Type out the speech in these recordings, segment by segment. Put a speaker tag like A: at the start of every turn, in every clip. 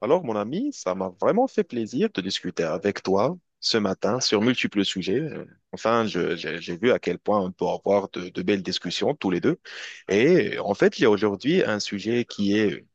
A: Alors, mon ami, ça m'a vraiment fait plaisir de discuter avec toi ce matin sur multiples sujets. Enfin, j'ai vu à quel point on peut avoir de belles discussions tous les deux. Et il y a aujourd'hui un sujet qui est,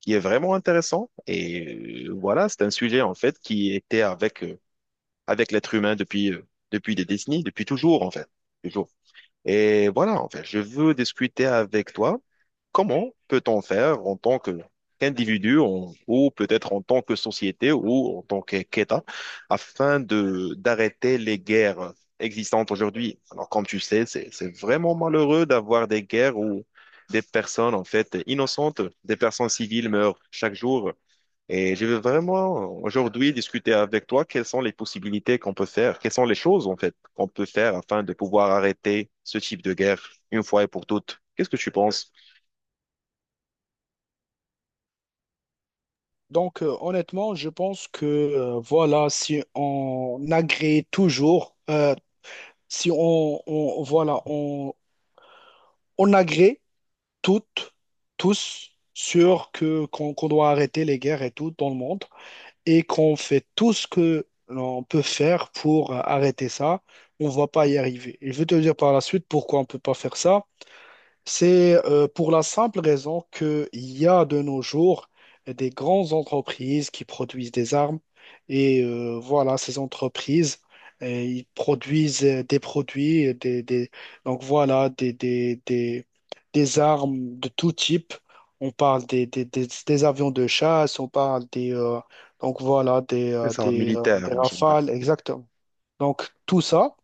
A: qui est vraiment intéressant. Et c'est un sujet en fait qui était avec l'être humain depuis des décennies, depuis toujours en fait, toujours. Et voilà, en fait, je veux discuter avec toi comment peut-on faire en tant que qu'individu en- ou peut-être en tant que société ou en tant que- qu'État afin de d'arrêter les guerres existantes aujourd'hui. Alors, comme tu sais, c'est vraiment malheureux d'avoir des guerres où des personnes en fait innocentes, des personnes civiles meurent chaque jour. Et je veux vraiment aujourd'hui discuter avec toi quelles sont les possibilités qu'on peut faire, quelles sont les choses en fait qu'on peut faire afin de pouvoir arrêter ce type de guerre une fois et pour toutes. Qu'est-ce que tu penses?
B: Honnêtement, je pense que voilà, si on agrée toujours, si voilà, on agrée toutes, tous sur que qu'on qu'on doit arrêter les guerres et tout dans le monde et qu'on fait tout ce que l'on peut faire pour arrêter ça, on ne va pas y arriver. Et je vais te dire par la suite pourquoi on ne peut pas faire ça. C'est pour la simple raison qu'il y a de nos jours des grandes entreprises qui produisent des armes et voilà, ces entreprises, ils produisent des produits, donc voilà, des armes de tout type. On parle des avions de chasse, on parle donc voilà,
A: Les armes militaires
B: des
A: en général.
B: rafales, exactement. Donc tout ça.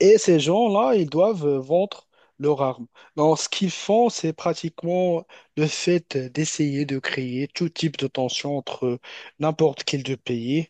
B: Et ces gens-là, ils doivent vendre leurs armes. Donc, ce qu'ils font, c'est pratiquement le fait d'essayer de créer tout type de tension entre n'importe quel deux pays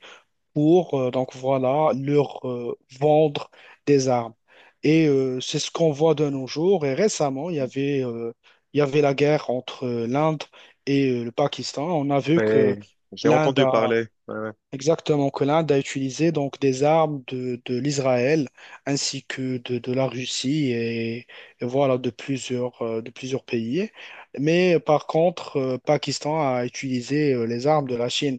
B: pour, donc voilà, leur vendre des armes. Et c'est ce qu'on voit de nos jours. Et récemment, il y avait la guerre entre l'Inde et le Pakistan. On a vu que
A: Ouais, j'ai
B: l'Inde
A: entendu
B: a
A: parler. Ouais, ouais.
B: exactement, que l'Inde a utilisé donc des armes de l'Israël ainsi que de la Russie et voilà de plusieurs pays. Mais par contre, Pakistan a utilisé les armes de la Chine.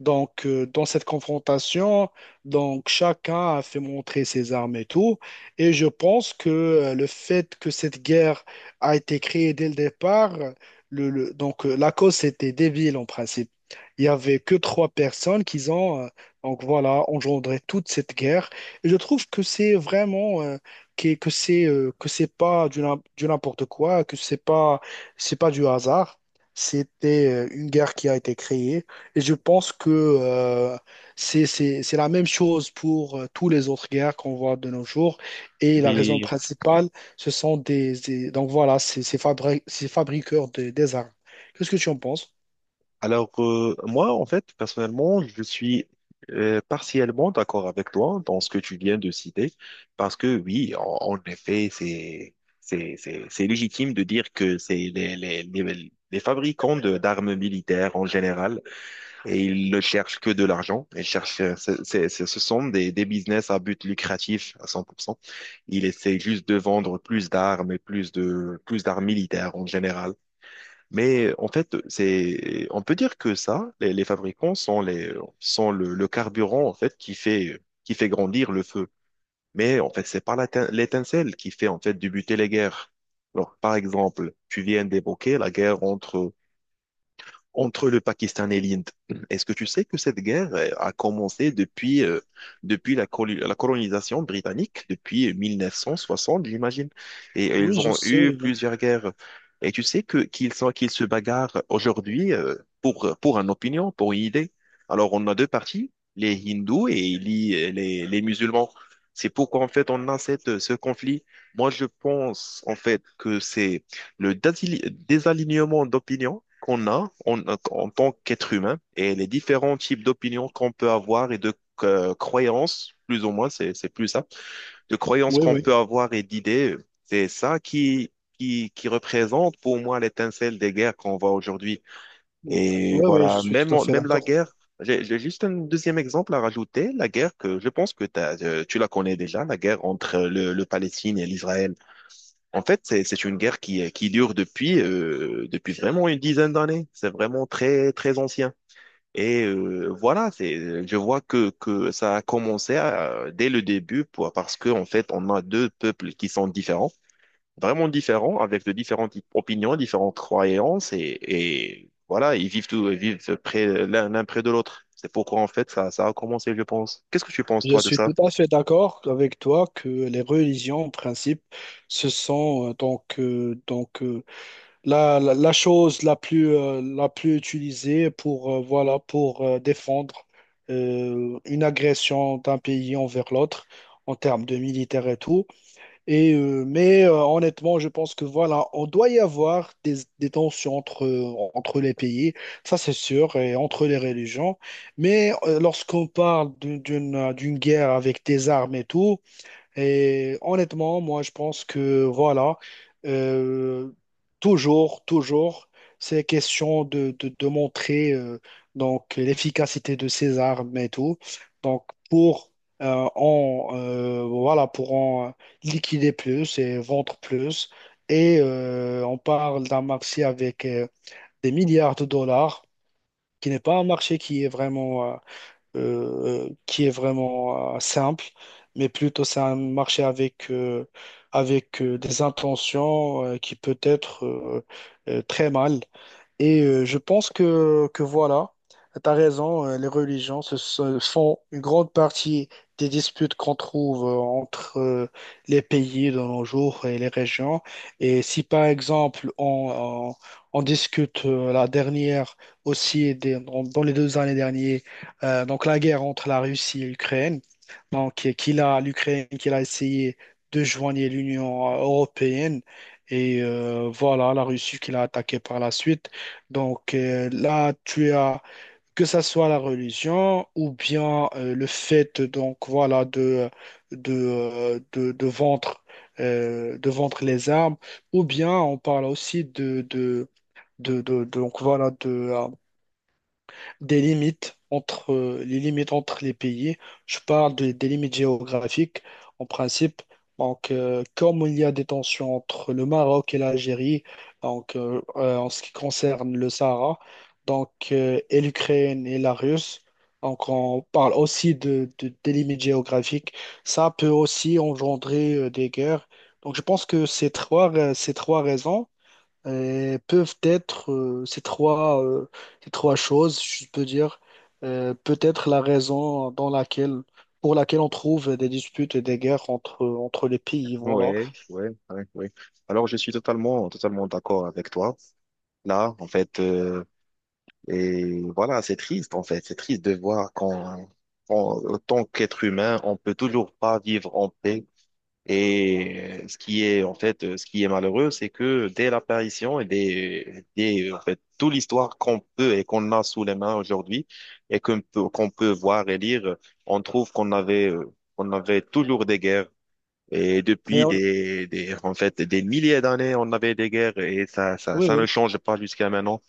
B: Donc, dans cette confrontation, donc chacun a fait montrer ses armes et tout. Et je pense que le fait que cette guerre a été créée dès le départ, donc la cause c'était débile en principe. Il y avait que trois personnes qui ont donc voilà engendré toute cette guerre. Et je trouve que c'est vraiment que c'est que c'est pas du n'importe quoi, que c'est pas. C'est pas du hasard. C'était une guerre qui a été créée et je pense que c'est la même chose pour tous les autres guerres qu'on voit de nos jours. Et la raison
A: Et
B: principale, ce sont donc voilà, ces fabriqueurs des armes. Qu'est-ce que tu en penses?
A: alors, moi, en fait, personnellement, je suis partiellement d'accord avec toi dans ce que tu viens de citer, parce que oui, en effet, c'est légitime de dire que c'est les fabricants de d'armes militaires en général et ils ne cherchent que de l'argent. Ils cherchent, ce sont des business à but lucratif à 100%. Ils essaient juste de vendre plus d'armes et plus d'armes militaires en général. Mais en fait, c'est, on peut dire que ça, les fabricants sont le carburant, en fait, qui fait grandir le feu. Mais en fait, c'est pas l'étincelle qui fait, en fait, débuter les guerres. Alors, par exemple, tu viens d'évoquer la guerre entre le Pakistan et l'Inde. Est-ce que tu sais que cette guerre a commencé depuis la colonisation britannique, depuis 1960, j'imagine, et
B: Oui,
A: ils
B: je
A: ont eu
B: sais.
A: plusieurs guerres. Et tu sais qu'ils se bagarrent aujourd'hui pour une opinion, pour une idée. Alors on a deux parties, les hindous et les musulmans. C'est pourquoi en fait on a ce conflit. Moi je pense en fait que c'est le désalignement d'opinion qu'on a en tant qu'être humain et les différents types d'opinions qu'on peut avoir et de croyances, plus ou moins, c'est plus ça, de croyances
B: Oui,
A: qu'on
B: oui.
A: peut avoir et d'idées, c'est ça qui représente pour moi l'étincelle des guerres qu'on voit aujourd'hui.
B: Oui,
A: Et
B: oui, je
A: voilà,
B: suis tout
A: même,
B: à
A: en-
B: fait
A: même la
B: d'accord.
A: guerre, j'ai juste un deuxième exemple à rajouter, la guerre que je pense que tu la connais déjà, la guerre entre le Palestine et l'Israël. En fait, c'est une guerre qui dure depuis vraiment une dizaine d'années. C'est vraiment très, très ancien. Je vois que ça a commencé dès le début pour, parce que en fait, on a deux peuples qui sont différents, vraiment différents, avec de différentes opinions, différentes croyances. Et voilà, ils vivent près, l'un près de l'autre. C'est pourquoi en fait, ça a commencé, je pense. Qu'est-ce que tu penses,
B: Je
A: toi, de
B: suis
A: ça?
B: tout à fait d'accord avec toi que les religions, en principe, ce sont donc la, la chose la plus utilisée pour, voilà, pour défendre une agression d'un pays envers l'autre en termes de militaire et tout. Et, mais honnêtement, je pense que voilà, on doit y avoir des tensions entre, entre les pays, ça c'est sûr, et entre les religions. Mais lorsqu'on parle d'une guerre avec des armes et tout, et honnêtement, moi, je pense que voilà, euh, toujours, c'est question de montrer donc l'efficacité de ces armes et tout. Donc pour en voilà pour en liquider plus et vendre plus. Et on parle d'un marché avec des milliards de dollars, qui n'est pas un marché qui est vraiment simple, mais plutôt c'est un marché avec, avec des intentions qui peut être très mal. Et je pense que voilà, tu as raison, les religions se font une grande partie des disputes qu'on trouve entre les pays de nos jours et les régions. Et si par exemple on discute la dernière aussi, dans, dans les deux années dernières, donc la guerre entre la Russie et l'Ukraine, donc et qu'il a l'Ukraine qu'il a essayé de joindre l'Union européenne. Et voilà, la Russie qui l'a attaqué par la suite. Donc là, tu as que ça soit la religion ou bien le fait donc voilà de euh, de, de vendre de vendre les armes ou bien on parle aussi donc voilà de des limites entre les limites entre les pays. Je parle des limites géographiques en principe. Donc, comme il y a des tensions entre le Maroc et l'Algérie, donc en ce qui concerne le Sahara, donc et l'Ukraine et la Russie, donc on parle aussi des limites géographiques. Ça peut aussi engendrer des guerres. Donc, je pense que ces trois raisons peuvent être ces trois choses, je peux dire, peut-être la raison dans laquelle, pour laquelle on trouve des disputes et des guerres entre, entre les pays, voilà.
A: Ouais, ouais, ouais, ouais. Alors, je suis totalement, totalement d'accord avec toi là, en fait. Et voilà, c'est triste, en fait. C'est triste de voir tant qu'être humain, on peut toujours pas vivre en paix. Et ce qui est, en fait, ce qui est malheureux, c'est que dès l'apparition et des, en fait, toute l'histoire qu'on peut et qu'on a sous les mains aujourd'hui et qu'on peut voir et lire, on trouve qu'on avait toujours des guerres. Et
B: Mais
A: depuis
B: hon-
A: des milliers d'années, on avait des guerres et ça, ça,
B: oui,
A: ça ne
B: oui.
A: change pas jusqu'à maintenant.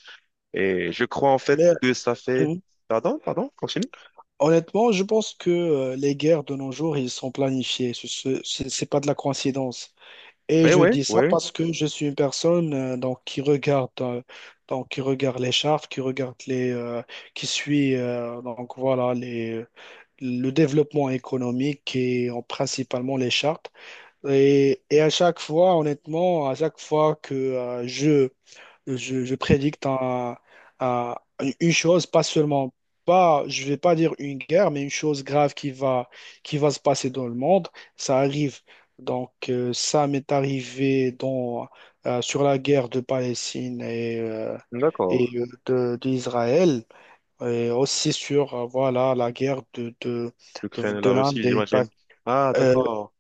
A: Et je crois en fait
B: Mais
A: que ça fait...
B: hum,
A: Pardon, pardon, continue.
B: honnêtement, je pense que les guerres de nos jours, ils sont planifiés. C'est pas de la coïncidence. Et
A: Oui,
B: je
A: oui,
B: dis ça
A: oui,
B: parce que je suis une personne donc, qui regarde les chartes, qui regarde qui suit donc, voilà, le développement économique et principalement les chartes. Et à chaque fois, honnêtement, à chaque fois que je prédicte un- une chose, pas seulement, pas, je vais pas dire une guerre, mais une chose grave qui va se passer dans le monde. Ça arrive. Donc, ça m'est arrivé dans, sur la guerre de Palestine
A: d'accord.
B: et d'Israël, et aussi sur, voilà, la guerre
A: L'Ukraine et
B: de
A: la
B: l'Inde
A: Russie,
B: et pas
A: j'imagine. Ah, d'accord,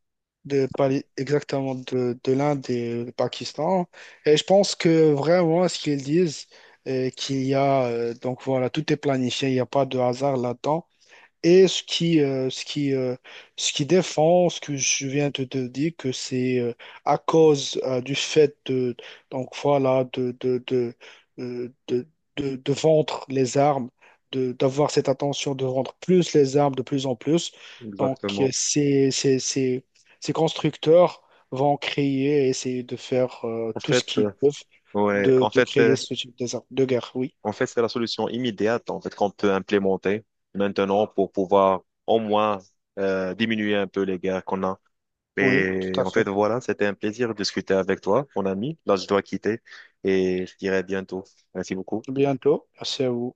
B: exactement de l'Inde et du Pakistan. Et je pense que vraiment, ce qu'ils disent, qu'il y a, donc voilà, tout est planifié, il n'y a pas de hasard là-dedans. Et ce qui défend, ce que je viens de te dire, que c'est à cause du fait de, donc voilà, euh, de, de vendre les armes, de, d'avoir cette attention de vendre plus les armes de plus en plus. Donc,
A: exactement.
B: ces constructeurs vont créer et essayer de faire
A: En
B: tout ce
A: fait,
B: qu'ils
A: euh,
B: peuvent
A: ouais, en
B: de
A: fait,
B: créer
A: c'est,
B: ce type d'armes de guerre. Oui,
A: En fait, c'est la solution immédiate, en fait, qu'on peut implémenter maintenant pour pouvoir au moins diminuer un peu les guerres qu'on a.
B: oui, tout
A: Mais
B: à
A: en
B: fait.
A: fait, voilà, c'était un plaisir de discuter avec toi, mon ami. Là, je dois quitter et je dirai à bientôt. Merci beaucoup.
B: Bientôt. Merci à vous.